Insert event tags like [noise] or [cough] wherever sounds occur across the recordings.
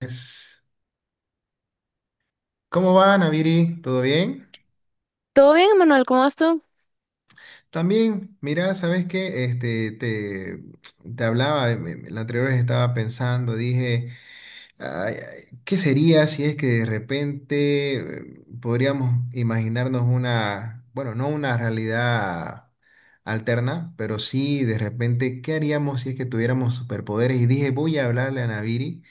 Es- ¿Cómo va, Naviri? ¿Todo bien? ¿Todo bien, Manuel? ¿Cómo vas tú? También, mira, ¿sabes qué? Te hablaba, la anterior vez estaba pensando, dije, ay, ¿qué sería si es que de repente podríamos imaginarnos una, bueno, no una realidad alterna, pero sí de repente, ¿qué haríamos si es que tuviéramos superpoderes? Y dije, voy a hablarle a Naviri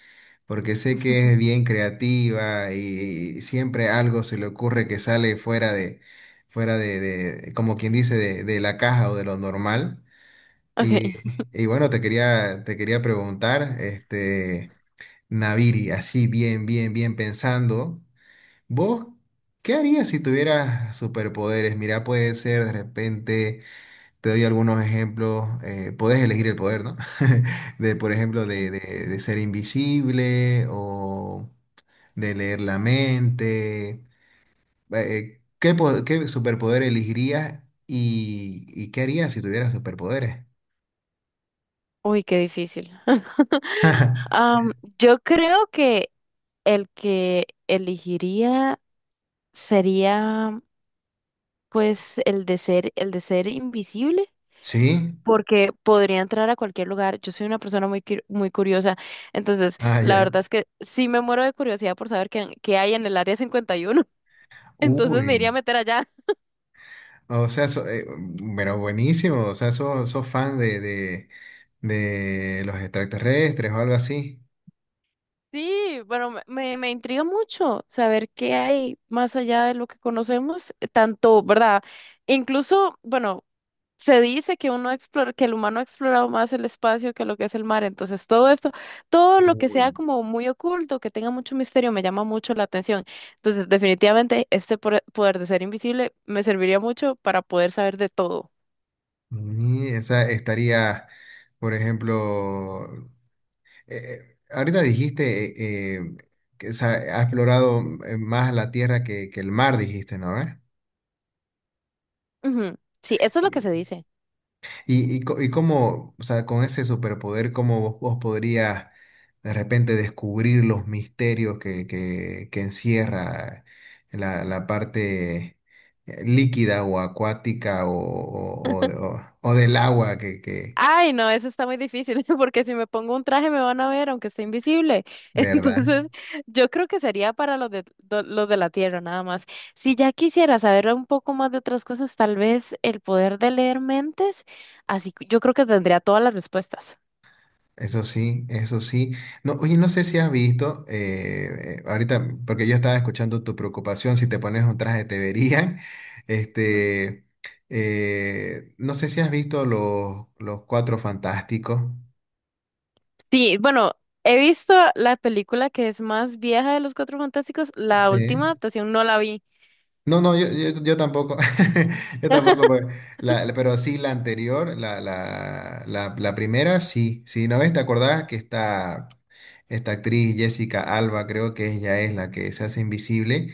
porque sé que es [laughs] bien creativa y siempre algo se le ocurre que sale como quien dice, de la caja o de lo normal. Ok. Y, y bueno, te quería preguntar, este, Naviri, así bien pensando, ¿vos qué harías si tuvieras superpoderes? Mira, puede ser de repente te doy algunos ejemplos. Podés elegir el poder, ¿no? [laughs] De, por ejemplo, Ok. de, de- de ser invisible o de leer la mente. ¿Qué, qué superpoder elegirías y qué harías si tuvieras superpoderes? Uy, qué difícil. [laughs] [laughs] Am, yo creo que el que elegiría sería, pues, el de ser invisible, ¿Sí? porque podría entrar a cualquier lugar. Yo soy una persona muy, muy curiosa, entonces Ah, la ya. verdad es que sí me muero de curiosidad por saber qué, qué hay en el área 51. [laughs] Entonces Uy. me iría a meter allá. O sea, pero buenísimo. O sea, sos, sos fan de los extraterrestres o algo así. Sí, bueno, me intriga mucho saber qué hay más allá de lo que conocemos, tanto, ¿verdad? Incluso, bueno, se dice que uno explora, que el humano ha explorado más el espacio que lo que es el mar, entonces todo esto, todo lo que sea Uy. como muy oculto, que tenga mucho misterio, me llama mucho la atención. Entonces, definitivamente este poder de ser invisible me serviría mucho para poder saber de todo. Y esa estaría, por ejemplo, ahorita dijiste que sa- ha explorado más la tierra que el mar, dijiste, ¿no? ¿Eh? Ujú. Sí, eso es lo que se dice. Y, y cómo, o sea, con ese superpoder, ¿cómo vos podrías de repente descubrir los misterios que, que encierra la, la parte líquida o acuática o o- del agua que, Ay, no, eso está muy difícil, [laughs] porque si me pongo un traje me van a ver, aunque esté invisible. [laughs] ¿verdad? Entonces, yo creo que sería para los los de la Tierra, nada más. Si ya quisiera saber un poco más de otras cosas, tal vez el poder de leer mentes, así que yo creo que tendría todas las respuestas. Eso sí, eso sí. No, oye, no sé si has visto, ahorita, porque yo estaba escuchando tu preocupación, si te pones un traje te verían. [laughs] Ujú. Este, no sé si has visto los Cuatro Fantásticos. Sí, bueno, he visto la película que es más vieja de los Cuatro Fantásticos, la Sí. última adaptación no la vi. No, no, yo tampoco. [laughs] Yo tampoco, porque pero sí la anterior, la primera, sí. Sí, ¿no ves? ¿Te acordás que está esta actriz Jessica Alba, creo que ella es la que se hace invisible?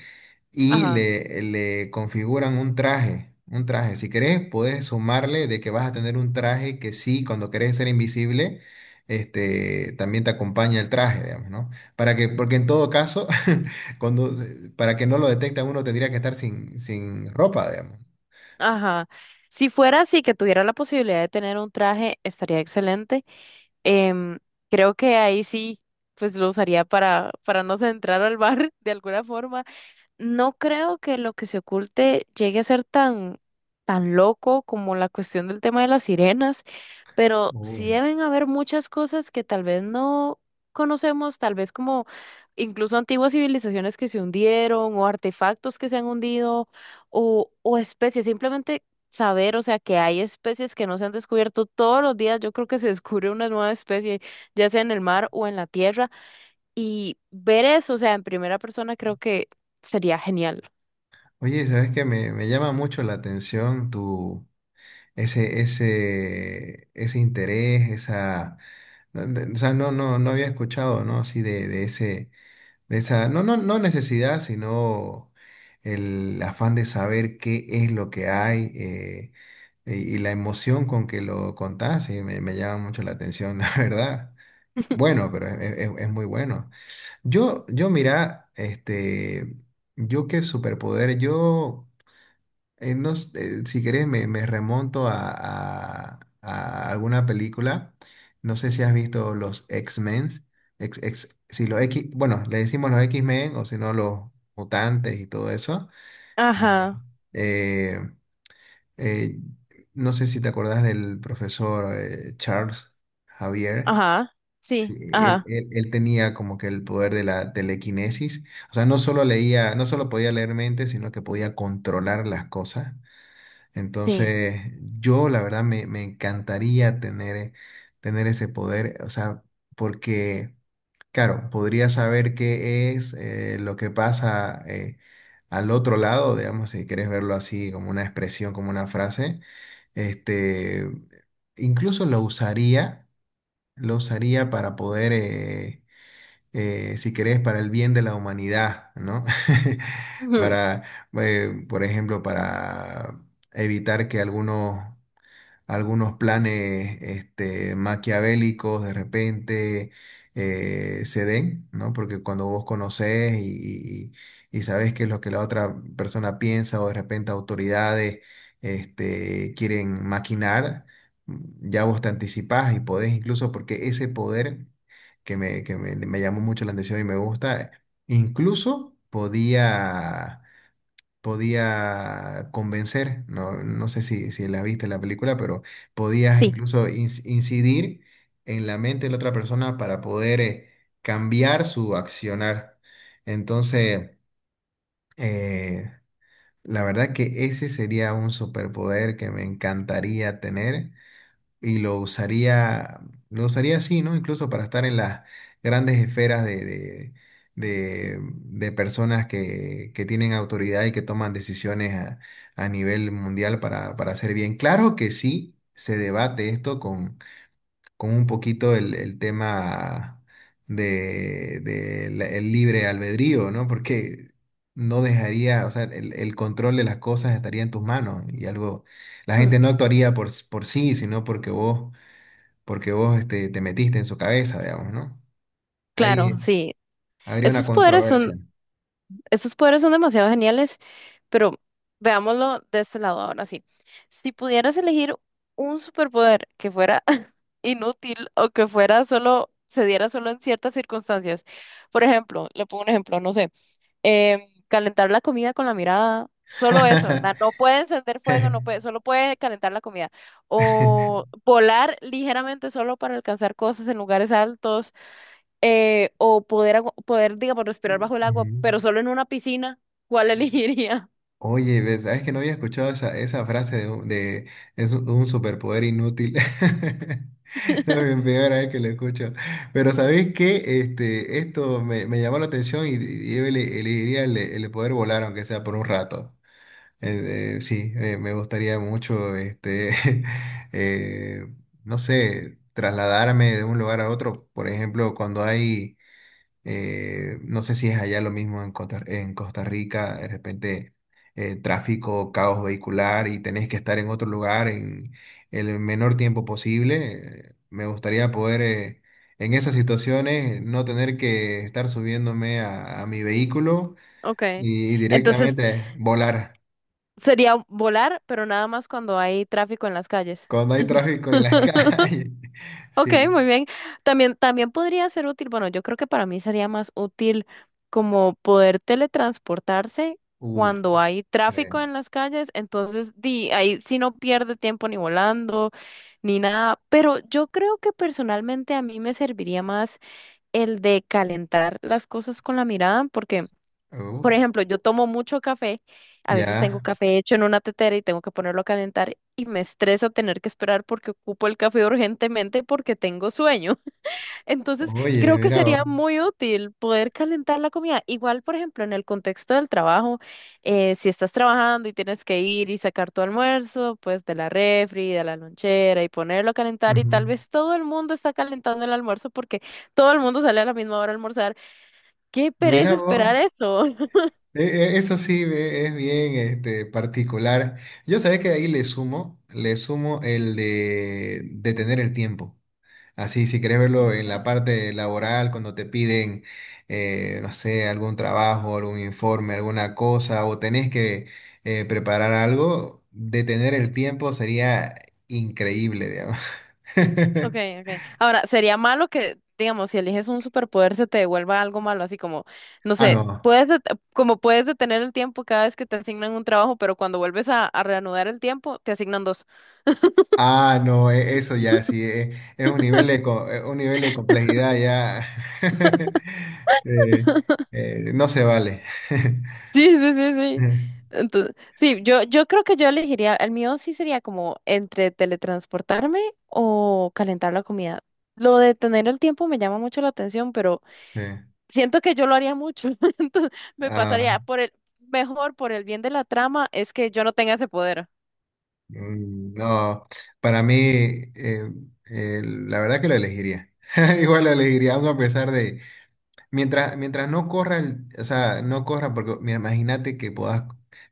Y Ajá, le configuran un traje, un traje. Si querés, podés sumarle de que vas a tener un traje que sí, cuando querés ser invisible, este, también te acompaña el traje, digamos, ¿no? Para que, porque en todo caso, [laughs] cuando, para que no lo detecte uno tendría que estar sin ropa, digamos. ajá. Si fuera así, que tuviera la posibilidad de tener un traje, estaría excelente. Em, Creo que ahí sí, pues lo usaría para no entrar al bar [laughs] de alguna forma. No creo que lo que se oculte llegue a ser tan, tan loco como la cuestión del tema de las sirenas, pero sí Uy. deben haber muchas cosas que tal vez no conocemos, tal vez como incluso antiguas civilizaciones que se hundieron o artefactos que se han hundido o especies, simplemente saber, o sea, que hay especies que no se han descubierto todos los días, yo creo que se descubre una nueva especie, ya sea en el mar o en la tierra. Y ver eso, o sea, en primera persona creo que sería genial. Oye, ¿sabes qué? Me llama mucho la atención tu... ese interés, esa, o sea, no había escuchado, ¿no? Así de ese, esa, no necesidad, sino el afán de saber qué es lo que hay y la emoción con que lo contás, y me llama mucho la atención, [laughs] la verdad. [laughs] Bueno, pero es muy bueno. Yo mira, este, yo qué superpoder, yo si querés, me remonto a, a alguna película. No sé si has visto los X-Men. Si los X, bueno, le decimos los X-Men o si no, los mutantes y todo eso. Eh, Ajá, eh, eh, no sé si te acordás del profesor Charles Javier. ajá, Sí, sí, ajá, él tenía como que el poder de la telequinesis. O sea, no solo leía, no solo podía leer mente, sino que podía controlar las cosas. sí, Entonces, yo la verdad me encantaría tener, tener ese poder, o sea, porque, claro, podría saber qué es lo que pasa al otro lado, digamos, si quieres verlo así como una expresión, como una frase. Este, incluso lo usaría para poder, si querés, para el bien de la humanidad, ¿no? [laughs] ujú, Para, por ejemplo, para evitar que algunos algunos planes este, maquiavélicos de repente se den, ¿no? Porque cuando vos conocés y, y sabés qué es lo que la otra persona piensa o de repente autoridades este, quieren maquinar, ya vos te anticipás y podés incluso, porque ese poder que me, que me llamó mucho la atención y me gusta, incluso podía podía convencer, no, no sé si, si la viste la película, pero podías sí, incluso incidir en la mente de la otra persona para poder cambiar su accionar. Entonces, eh, la verdad que ese sería un superpoder que me encantaría tener y lo usaría así, ¿no? Incluso para estar en las grandes esferas de personas que tienen autoridad y que toman decisiones a nivel mundial para hacer bien. Claro que sí se debate esto con un poquito el tema de, de el libre albedrío, ¿no? Porque no dejaría, o sea, el control de las cosas estaría en tus manos y algo, la ujú, gente no actuaría por sí, sino porque vos, este, te metiste en su cabeza, digamos, ¿no? Ahí claro, sí. habría una Esos poderes son, controversia. esos poderes son demasiado geniales, pero veámoslo de este lado ahora sí. Si pudieras elegir un superpoder que fuera [laughs] inútil o que fuera solo, se diera solo en ciertas circunstancias, por ejemplo, le pongo un ejemplo, no sé. em, Calentar la comida con la mirada, solo eso, ¿verdad? No [laughs] puede encender fuego, no puede, solo puede calentar la comida. O volar ligeramente solo para alcanzar cosas en lugares altos, o poder, poder, digamos, respirar bajo el agua, Ujú. pero solo en una piscina, ¿cuál elegiría? [laughs] Oye, ¿ves? ¿Sabes que no había escuchado esa, esa frase de, es un superpoder inútil? [laughs] No, es la primera vez que lo escucho. Pero ¿sabés qué? Este, esto me, me llamó la atención y yo elegiría el, el de poder volar, aunque sea por un rato. Sí, me gustaría mucho, este, [laughs] eh, no sé, trasladarme de un lugar a otro. Por ejemplo, cuando hay, no sé si es allá lo mismo en Costa Rica, de repente tráfico, caos vehicular y tenés que estar en otro lugar en el menor tiempo posible. Me gustaría poder, en esas situaciones, no tener que estar subiéndome a mi vehículo Ok. y Entonces directamente volar. sería volar, pero nada más cuando hay tráfico en las calles. Cuando hay tráfico en las [laughs] calles. [laughs] Ok, Sí. muy bien. También, también podría ser útil, bueno, yo creo que para mí sería más útil como poder teletransportarse Uf. cuando hay eh, tráfico en las calles, entonces di, ahí sí no pierde tiempo ni volando ni nada, pero yo creo que personalmente a mí me serviría más el de calentar las cosas con la mirada, porque uf, por ejemplo, yo tomo mucho café, a veces tengo Ya. café hecho en una tetera y tengo que ponerlo a calentar y me estresa tener que esperar porque ocupo el café urgentemente porque tengo sueño. [laughs] Entonces, Oye, creo que mira vos. sería muy útil poder calentar la comida. Igual, por ejemplo, en el contexto del trabajo, si estás trabajando y tienes que ir y sacar tu almuerzo, pues de la refri, de la lonchera y ponerlo a calentar y tal Ujú. vez todo el mundo está calentando el almuerzo porque todo el mundo sale a la misma hora a almorzar. ¡Qué pereza Mira vos. esperar eso! Eso sí es bien este, particular. Yo sabés que ahí le sumo el de detener el tiempo. Así, si querés verlo en la parte laboral, cuando te piden, no sé, algún trabajo, algún informe, alguna cosa, o tenés que preparar algo, detener el tiempo sería increíble, digamos. [laughs] Okay, okay. Ahora, sería malo que, digamos, si eliges un superpoder se te devuelva algo malo, así como, no Ah, sé, no. puedes como puedes detener el tiempo cada vez que te asignan un trabajo, pero cuando vuelves a reanudar el tiempo, te asignan dos. Ah, no, eso ya sí, es, un nivel de, un nivel de complejidad ya. [laughs] eh, [laughs] no se vale. Sí, sí, sí, sí. [laughs] Entonces, sí, yo creo que yo elegiría, el mío sí sería como entre teletransportarme o calentar la comida. Lo de tener el tiempo me llama mucho la atención, pero Sí. siento que yo lo haría mucho, [laughs] entonces me Ah, pasaría por el, mejor por el bien de la trama es que yo no tenga ese poder. mm, no, para mí, eh, la verdad que lo elegiría. [laughs] Igual lo elegiría, aun a pesar de, mientras, mientras no corra, o sea, no corra, porque mira, imagínate que puedas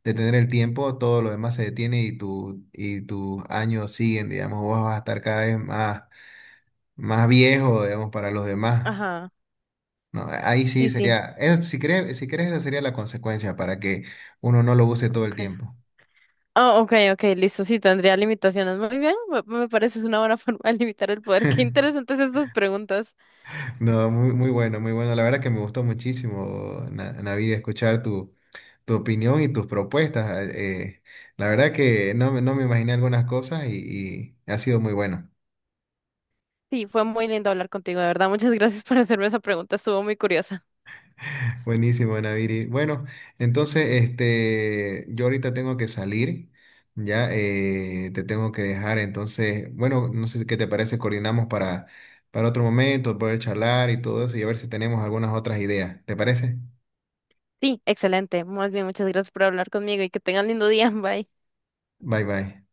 detener el tiempo, todo lo demás se detiene y, y tus años siguen, digamos, vos vas a estar cada vez más, más viejo, digamos, para los demás. Ajá, No, ahí sí sí, sí. sería, si crees, si crees, esa sería la consecuencia para que uno no lo use todo el Okay. tiempo. Ah, ok, ok, listo, sí, tendría limitaciones. Muy bien, me parece es una buena [laughs] forma de limitar el poder. Qué interesantes estas preguntas. No, muy, muy bueno, muy bueno. La verdad que me gustó muchísimo, Navid, escuchar tu, tu opinión y tus propuestas. Ah, eh, la verdad que no, no me imaginé algunas cosas y ha sido muy bueno. Sí, fue muy lindo hablar contigo, de verdad. Muchas gracias por hacerme esa pregunta, estuvo muy curiosa. Buenísimo, Naviri. Bueno, entonces, este, yo ahorita tengo que salir, ya te tengo que dejar. Entonces, bueno, no sé si, qué te parece, coordinamos para otro momento, poder charlar y todo eso y a ver si tenemos algunas otras ideas. ¿Te parece? Sí, excelente. Más bien, muchas gracias por hablar conmigo y que tengan lindo día. [laughs] Bye. Bye, bye.